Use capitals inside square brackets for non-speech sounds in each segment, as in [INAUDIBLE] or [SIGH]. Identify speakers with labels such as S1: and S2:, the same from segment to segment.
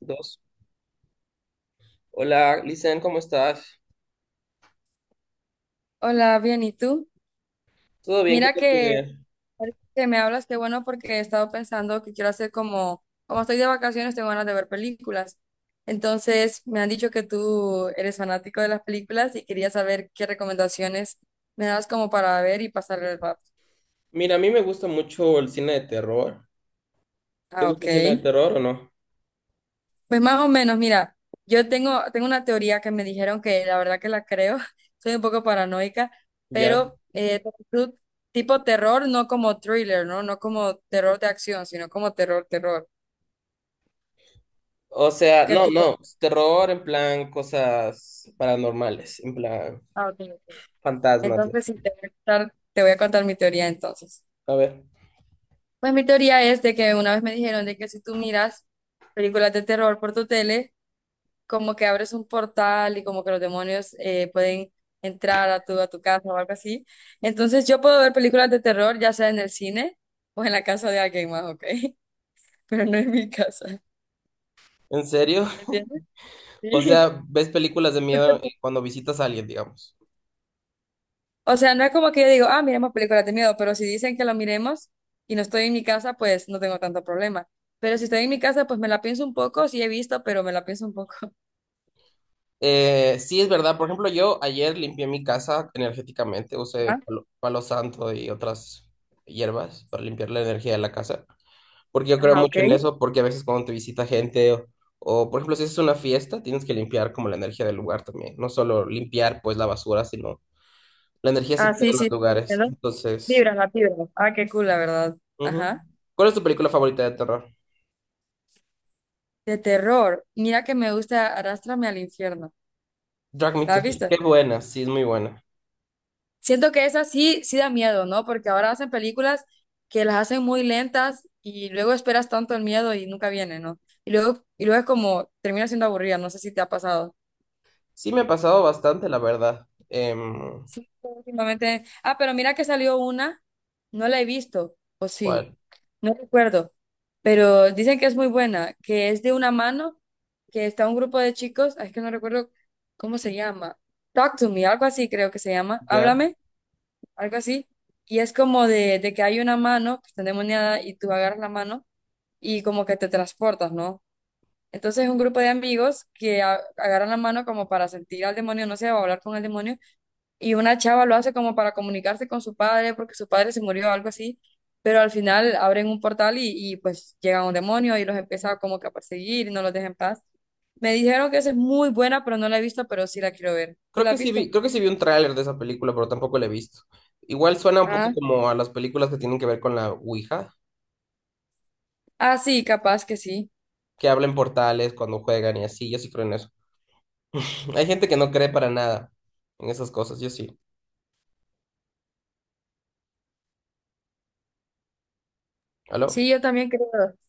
S1: Dos. Hola, Lisan, ¿cómo estás?
S2: Hola, bien, ¿y tú?
S1: ¿Todo bien? ¿Qué
S2: Mira
S1: tal tu
S2: que
S1: día?
S2: ahorita que me hablas, qué bueno porque he estado pensando que quiero hacer como, como estoy de vacaciones, tengo ganas de ver películas. Entonces, me han dicho que tú eres fanático de las películas y quería saber qué recomendaciones me das como para ver y pasar el rato.
S1: Mira, a mí me gusta mucho el cine de terror. ¿Te
S2: Ah,
S1: gusta
S2: ok.
S1: el cine de terror o no?
S2: Pues más o menos, mira, yo tengo una teoría que me dijeron que la verdad que la creo, [LAUGHS] soy un poco paranoica,
S1: Ya.
S2: pero tú- tipo terror, no como thriller, ¿no? No como terror de acción, sino como terror, terror.
S1: O sea,
S2: ¿Qué
S1: no,
S2: tipo?
S1: no, terror en plan cosas paranormales, en plan
S2: Ah, ok, ok.
S1: fantasmas y
S2: Entonces,
S1: así.
S2: si te voy a contar, te voy a contar mi teoría entonces.
S1: A ver,
S2: Pues mi teoría es de que una vez me dijeron de que si tú miras películas de terror por tu tele, como que abres un portal y como que los demonios pueden entrar a tu casa o algo así. Entonces yo puedo ver películas de terror, ya sea en el cine o en la casa de alguien más, ¿ok? [LAUGHS] Pero no en mi casa.
S1: ¿en serio? [LAUGHS]
S2: ¿Entiendes?
S1: O
S2: Sí.
S1: sea, ¿ves películas de miedo
S2: [LAUGHS]
S1: cuando visitas a alguien, digamos?
S2: O sea, no es como que yo digo, ah, miremos películas de miedo, pero si dicen que lo miremos y no estoy en mi casa, pues no tengo tanto problema. Pero si estoy en mi casa, pues me la pienso un poco, sí he visto, pero me la pienso un poco. [LAUGHS]
S1: Sí, es verdad. Por ejemplo, yo ayer limpié mi casa energéticamente, usé
S2: Ajá,
S1: palo santo y otras hierbas para limpiar la energía de la casa, porque yo creo
S2: ajá, ok.
S1: mucho en eso, porque a veces cuando te visita gente o, por ejemplo, si es una fiesta, tienes que limpiar como la energía del lugar también, no solo limpiar pues la basura, sino la energía
S2: Ah,
S1: se queda
S2: sí,
S1: en los
S2: sí,
S1: lugares.
S2: entiendo.
S1: Entonces,
S2: Vibras, la vibras. Ah, qué cool, la verdad.
S1: ujú.
S2: Ajá.
S1: ¿Cuál es tu película favorita de terror?
S2: De terror. Mira que me gusta Arrástrame al infierno.
S1: Drag Me
S2: ¿La
S1: to
S2: has
S1: Hell.
S2: visto?
S1: Qué buena, sí, es muy buena.
S2: Siento que esa sí, sí da miedo, ¿no? Porque ahora hacen películas que las hacen muy lentas y luego esperas tanto el miedo y nunca viene, ¿no? Y luego es como, termina siendo aburrida, no sé si te ha pasado.
S1: Sí, me ha pasado bastante, la verdad. Em,
S2: Sí, últimamente. Ah, pero mira que salió una, no la he visto, o sí.
S1: ¿cuál?
S2: No recuerdo, pero dicen que es muy buena, que es de una mano, que está un grupo de chicos, ay, es que no recuerdo cómo se llama. Talk to me, algo así creo que se llama.
S1: Ya.
S2: Háblame, algo así. Y es como de que hay una mano que está endemoniada y tú agarras la mano y como que te transportas, ¿no? Entonces es un grupo de amigos que agarran la mano como para sentir al demonio, no sé, o hablar con el demonio y una chava lo hace como para comunicarse con su padre porque su padre se murió o algo así, pero al final abren un portal y pues llega un demonio y los empieza como que a perseguir y no los deja en paz. Me dijeron que esa es muy buena, pero no la he visto, pero sí la quiero ver. ¿Tú
S1: Creo
S2: la has
S1: que sí
S2: visto?
S1: vi, creo que sí vi un tráiler de esa película, pero tampoco la he visto. Igual suena un poco
S2: Ah,
S1: como a las películas que tienen que ver con la Ouija,
S2: ah, sí, capaz que sí.
S1: que hablan portales cuando juegan y así, yo sí creo en eso. [LAUGHS] Hay gente que no cree para nada en esas cosas, yo sí. ¿Aló?
S2: Sí,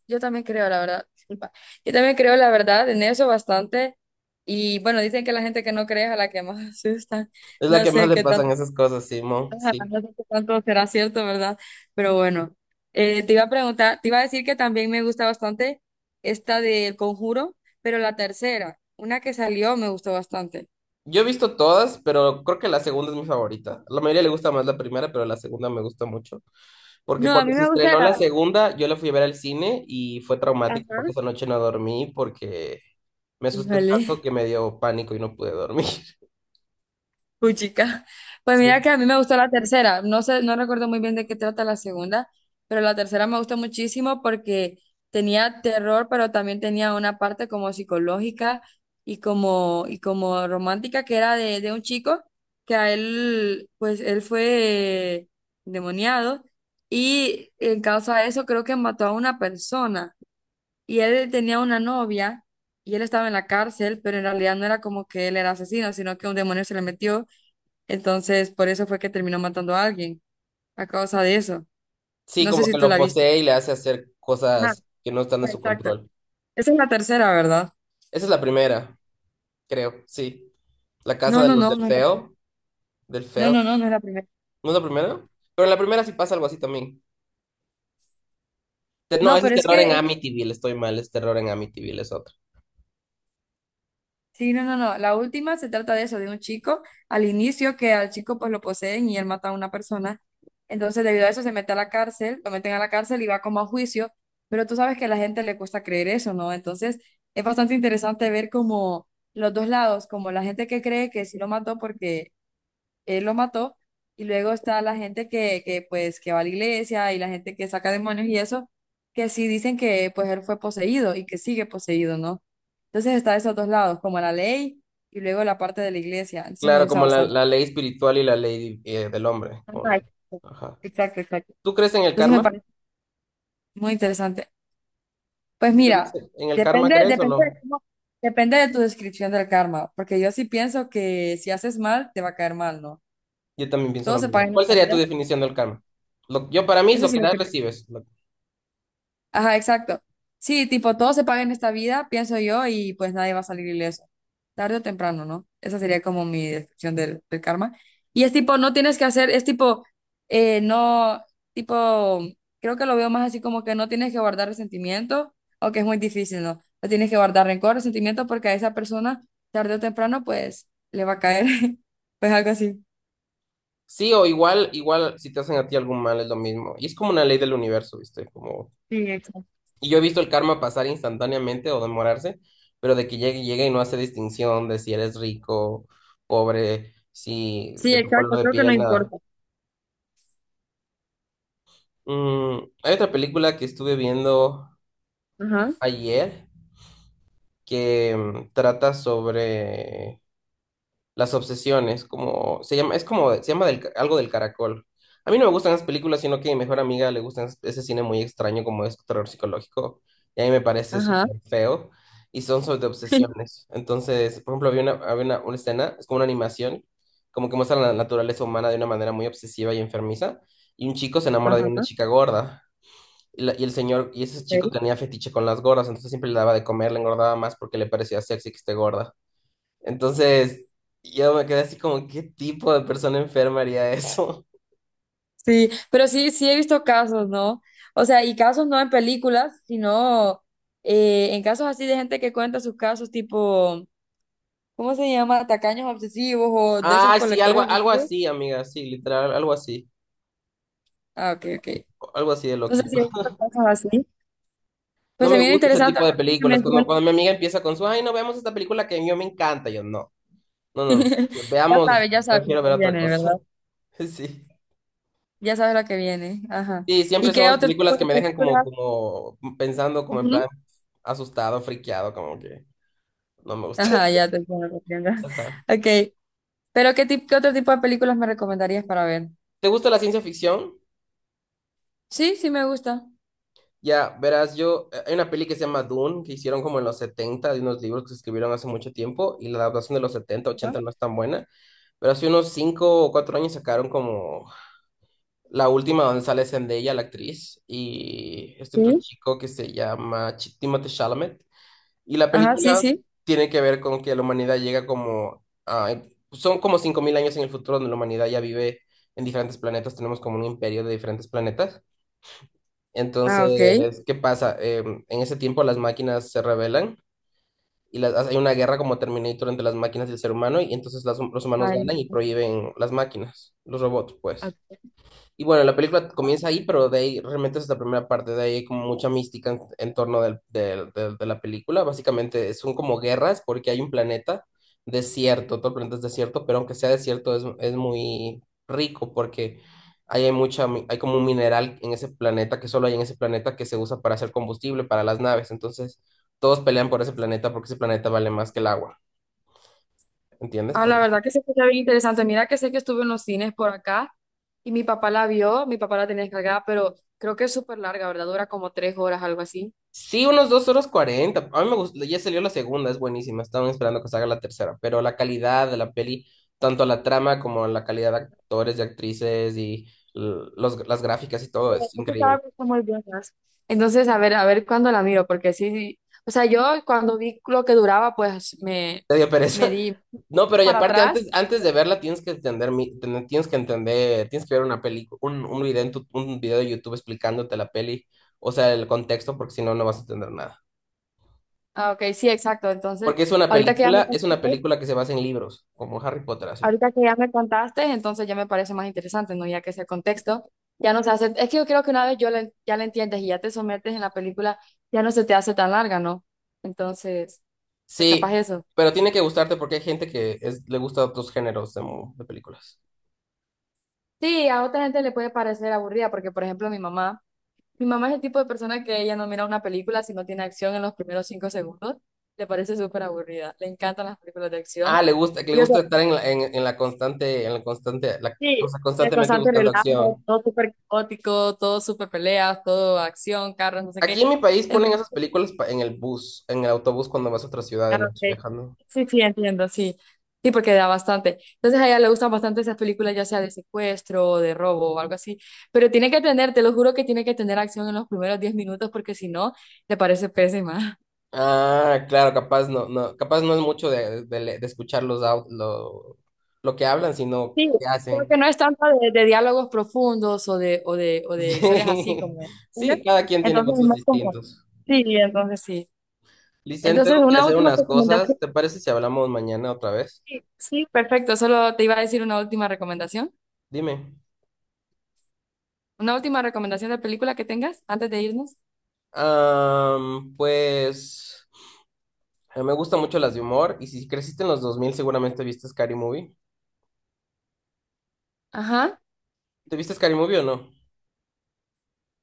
S2: yo también creo, la verdad, disculpa. Yo también creo, la verdad, en eso bastante. Y bueno, dicen que la gente que no cree es a la que más [LAUGHS] asustan.
S1: Es la
S2: No
S1: que más
S2: sé
S1: le
S2: qué
S1: pasan
S2: tal.
S1: esas cosas, Simón,
S2: Ajá,
S1: sí.
S2: no sé qué tanto será cierto, ¿verdad? Pero bueno, te iba a preguntar, te iba a decir que también me gusta bastante esta del Conjuro, pero la tercera, una que salió, me gustó bastante.
S1: Yo he visto todas, pero creo que la segunda es mi favorita. A la mayoría le gusta más la primera, pero la segunda me gusta mucho. Porque
S2: No, a
S1: cuando
S2: mí
S1: se
S2: me gusta
S1: estrenó la
S2: la...
S1: segunda, yo la fui a ver al cine y fue traumático
S2: Ajá.
S1: porque esa noche no dormí porque me asusté
S2: Híjole.
S1: tanto que me dio pánico y no pude dormir. [LAUGHS]
S2: Puchica. Pues mira
S1: Sí.
S2: que a mí me gustó la tercera. No sé, no recuerdo muy bien de qué trata la segunda, pero la tercera me gustó muchísimo porque tenía terror, pero también tenía una parte como psicológica y como romántica que era de un chico que a él, pues él fue demoniado y en causa de eso creo que mató a una persona y él tenía una novia y él estaba en la cárcel, pero en realidad no era como que él era asesino, sino que un demonio se le metió entonces, por eso fue que terminó matando a alguien, a causa de eso.
S1: Sí,
S2: No sé
S1: como
S2: si
S1: que
S2: tú
S1: lo
S2: la viste.
S1: posee y le hace hacer
S2: Ah,
S1: cosas que no están en su
S2: exacto.
S1: control.
S2: Esa es la tercera, ¿verdad?
S1: Esa es la primera, creo, sí. La casa
S2: No,
S1: de
S2: no,
S1: los
S2: no,
S1: del
S2: no, es la-
S1: feo, del
S2: no,
S1: feo.
S2: no, no, no es la primera.
S1: ¿No es la primera? Pero en la primera sí pasa algo así también. No,
S2: No,
S1: ese es
S2: pero es
S1: terror en
S2: que,
S1: Amityville, estoy mal, es terror en Amityville, es otro.
S2: sí, no, no, no. La última se trata de eso, de un chico al inicio que al chico pues lo poseen y él mata a una persona. Entonces, debido a eso se mete a la cárcel, lo meten a la cárcel y va como a juicio, pero tú sabes que a la gente le cuesta creer eso, ¿no? Entonces, es bastante interesante ver como los dos lados, como la gente que cree que sí lo mató porque él lo mató. Y luego está la gente pues, que va a la iglesia y la gente que saca demonios y eso, que sí dicen que, pues, él fue poseído y que sigue poseído, ¿no? Entonces está esos dos lados, como la ley y luego la parte de la iglesia. Entonces me
S1: Claro,
S2: gusta
S1: como la,
S2: bastante.
S1: la ley espiritual y la ley del hombre.
S2: Ah, exacto,
S1: Ajá.
S2: exacto. Exacto.
S1: ¿Tú crees en el
S2: Entonces me
S1: karma?
S2: parece muy interesante. Pues
S1: ¿Tú crees
S2: mira,
S1: en el karma,
S2: depende,
S1: crees o
S2: depende de
S1: no?
S2: cómo- depende de tu descripción del karma, porque yo sí pienso que si haces mal, te va a caer mal, ¿no?
S1: Yo también pienso
S2: Todo
S1: lo
S2: se
S1: mismo.
S2: paga en
S1: ¿Cuál
S2: esta
S1: sería
S2: vida.
S1: tu definición del karma? Yo para mí es
S2: Eso
S1: lo
S2: sí
S1: que
S2: lo
S1: das,
S2: que
S1: recibes. Lo-
S2: ajá, exacto. Sí, tipo, todo se paga en esta vida, pienso yo, y pues nadie va a salir ileso. Tarde o temprano, ¿no? Esa sería como mi descripción del karma. Y es tipo, no tienes que hacer, es tipo, no, tipo, creo que lo veo más así como que no tienes que guardar resentimiento, o que es muy difícil, ¿no? No tienes que guardar rencor, resentimiento, porque a esa persona, tarde o temprano, pues le va a caer, [LAUGHS] pues algo así.
S1: sí o igual si te hacen a ti algún mal es lo mismo. Y es como una ley del universo, ¿viste? Como...
S2: Sí, exacto.
S1: Y yo he visto el karma pasar instantáneamente o demorarse, pero de que llegue, llegue y no hace distinción de si eres rico, pobre, si
S2: Sí,
S1: de tu color
S2: exacto,
S1: de
S2: creo que no
S1: piel, nada.
S2: importa.
S1: Hay otra película que estuve viendo
S2: Ajá,
S1: ayer que trata sobre las obsesiones, como se llama, es como, se llama algo del caracol. A mí no me gustan esas películas, sino que a mi mejor amiga le gustan ese cine muy extraño como es terror psicológico, y a mí me parece
S2: ajá,
S1: súper feo, y son sobre
S2: [LAUGHS]
S1: obsesiones. Entonces, por ejemplo, había una escena, es como una animación, como que muestra la naturaleza humana de una manera muy obsesiva y enfermiza, y un chico se enamora de una
S2: ajá.
S1: chica gorda. Y ese chico
S2: Ok.
S1: tenía fetiche con las gordas, entonces siempre le daba de comer, le engordaba más porque le parecía sexy que esté gorda. Entonces, yo me quedé así como, ¿qué tipo de persona enferma haría eso? [LAUGHS]
S2: Sí, pero sí, sí he visto casos, ¿no? O sea, y casos no en películas, sino en casos así de gente que cuenta sus casos tipo, ¿cómo se llama? Tacaños obsesivos o de esos
S1: Ah, sí, algo,
S2: colectores
S1: algo
S2: obsesivos.
S1: así, amiga, sí, literal, algo así.
S2: Ah, ok, ok.
S1: Algo así de
S2: Entonces sí
S1: loquito.
S2: he visto casos así.
S1: No
S2: Pues se
S1: me
S2: viene
S1: gusta ese
S2: interesante.
S1: tipo de películas. Cuando, cuando mi amiga empieza con su, ay, no veamos esta película que a mí me encanta, yo no. No, no,
S2: [LAUGHS]
S1: no. Veamos,
S2: Ya sabes lo
S1: prefiero
S2: que
S1: ver otra
S2: viene,
S1: cosa.
S2: ¿verdad?
S1: [LAUGHS] Sí.
S2: Ya sabes lo que viene. Ajá.
S1: Sí,
S2: ¿Y
S1: siempre son
S2: qué
S1: las
S2: otro
S1: películas
S2: tipo
S1: que
S2: de
S1: me dejan como,
S2: películas?
S1: como pensando, como en
S2: Ujú.
S1: plan asustado, friqueado, como que no me gusta.
S2: Ajá, ya te entiendo. Te entiendo.
S1: [LAUGHS] Ajá.
S2: [LAUGHS] Ok. ¿Pero qué, qué otro tipo de películas me recomendarías para ver?
S1: ¿Te gusta la ciencia ficción?
S2: Sí, sí me gusta.
S1: Ya, verás, hay una peli que se llama Dune, que hicieron como en los 70 de unos libros que se escribieron hace mucho tiempo, y la adaptación de los 70
S2: Ajá,
S1: ochenta no es tan buena, pero hace unos 5 o 4 años sacaron como la última donde sale Zendaya, la actriz, y este otro
S2: sí,
S1: chico que se llama Timothée Chalamet. Y la
S2: ajá, sí,
S1: película
S2: sí.
S1: tiene que ver con que la humanidad llega como son como 5000 años en el futuro donde la humanidad ya vive en diferentes planetas, tenemos como un imperio de diferentes planetas.
S2: Ah, ok.
S1: Entonces, ¿qué pasa? En ese tiempo las máquinas se rebelan y hay una guerra como Terminator entre las máquinas y el ser humano y entonces los humanos
S2: Ay,
S1: ganan y
S2: no.
S1: prohíben las máquinas, los robots,
S2: Ah,
S1: pues. Y bueno, la película comienza ahí, pero de ahí realmente es la primera parte, de ahí hay como mucha mística en torno de la película. Básicamente son como guerras porque hay un planeta desierto, todo el planeta es desierto, pero aunque sea desierto es muy rico porque ahí hay como un mineral en ese planeta que solo hay en ese planeta que se usa para hacer combustible para las naves. Entonces todos pelean por ese planeta porque ese planeta vale más que el agua, ¿entiendes?
S2: ah, la verdad que se escucha bien interesante. Mira que sé que estuve en los cines por acá y mi papá la vio, mi papá la tenía descargada, pero creo que es súper larga, ¿verdad? Dura como 3 horas, algo así.
S1: Sí, unos dos horas cuarenta. A mí me gustó, ya salió la segunda, es buenísima. Estaban esperando que salga la tercera, pero la calidad de la peli, tanto la trama como la calidad de actores y actrices y las gráficas y todo, es
S2: Yo
S1: increíble.
S2: estaba puesto muy bien, ¿sabes? Entonces, a ver cuándo la miro, porque sí, sí. O sea, yo cuando vi lo que duraba,
S1: Te dio
S2: me
S1: pereza. [LAUGHS]
S2: di
S1: No, pero y
S2: para
S1: aparte,
S2: atrás.
S1: antes de verla tienes que entender, tienes que ver una peli, un video un video de YouTube explicándote la peli, o sea, el contexto, porque si no, no vas a entender nada.
S2: Ah, ok, sí, exacto. Entonces,
S1: Porque es una
S2: ahorita que ya me...
S1: película, es una película que se basa en libros, como Harry Potter, así.
S2: Ahorita que ya me contaste, entonces ya me parece más interesante, ¿no? Ya que ese contexto ya no se hace, es que yo creo que una vez ya la entiendes y ya te sometes en la película, ya no se te hace tan larga, ¿no? Entonces, pues
S1: Sí,
S2: capaz eso.
S1: pero tiene que gustarte porque hay gente que le gusta otros géneros de películas.
S2: Sí, a otra gente le puede parecer aburrida, porque por ejemplo mi mamá es el tipo de persona que ella no mira una película si no tiene acción en los primeros 5 segundos, le parece súper aburrida, le encantan las películas de
S1: Ah,
S2: acción.
S1: le gusta, que le gusta estar en la constante, o
S2: Sí,
S1: sea,
S2: de
S1: constantemente
S2: constante
S1: buscando
S2: relajo,
S1: acción.
S2: todo súper caótico, todo súper peleas, todo acción, carros, no sé
S1: Aquí
S2: qué.
S1: en mi país ponen
S2: Entonces,
S1: esas películas en el bus, en el autobús cuando vas a otra ciudad de
S2: ah,
S1: noche
S2: ok.
S1: viajando.
S2: Sí, sí, entiendo, sí. Sí, porque da bastante. Entonces a ella le gustan bastante esas películas, ya sea de secuestro o de robo o algo así. Pero tiene que tener, te lo juro que tiene que tener acción en los primeros 10 minutos porque si no, le parece pésima.
S1: Ah, claro, capaz no es mucho de escuchar lo que hablan, sino
S2: Sí,
S1: qué
S2: creo que
S1: hacen.
S2: no es
S1: [LAUGHS]
S2: tanto de diálogos profundos o de, o de, o de historias así
S1: Sí,
S2: como,
S1: sí,
S2: ¿entiendes?
S1: cada quien tiene
S2: Entonces es
S1: gustos
S2: más como...
S1: distintos.
S2: Sí.
S1: Licen,
S2: Entonces,
S1: tengo que
S2: una
S1: hacer
S2: última
S1: unas cosas.
S2: recomendación.
S1: ¿Te parece si hablamos mañana otra vez?
S2: Sí, sí, perfecto. Solo te iba a decir una última recomendación.
S1: Dime.
S2: Una última recomendación de película que tengas antes de irnos.
S1: Pues, me gustan mucho las de humor y si creciste en los 2000, seguramente viste Scary Movie.
S2: Ajá.
S1: ¿Te viste Scary Movie o no?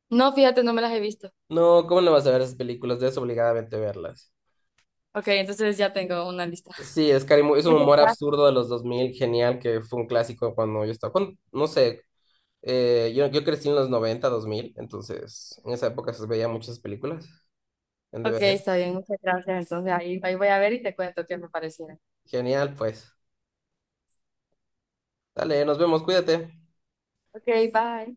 S2: No, fíjate, no me las he visto.
S1: No, ¿cómo no vas a ver esas películas? Debes obligadamente verlas.
S2: Ok, entonces ya tengo una lista.
S1: Sí, Scary Movie es un
S2: Muchas
S1: humor
S2: gracias.
S1: absurdo de los 2000, genial, que fue un clásico cuando yo estaba, cuando- no sé, yo crecí en los noventa, dos mil, entonces en esa época se veía muchas películas en
S2: Ok,
S1: DVD.
S2: está bien, muchas gracias. Entonces ahí, ahí voy a ver y te cuento qué me parecieron.
S1: Genial, pues. Dale, nos vemos, cuídate.
S2: Ok, bye.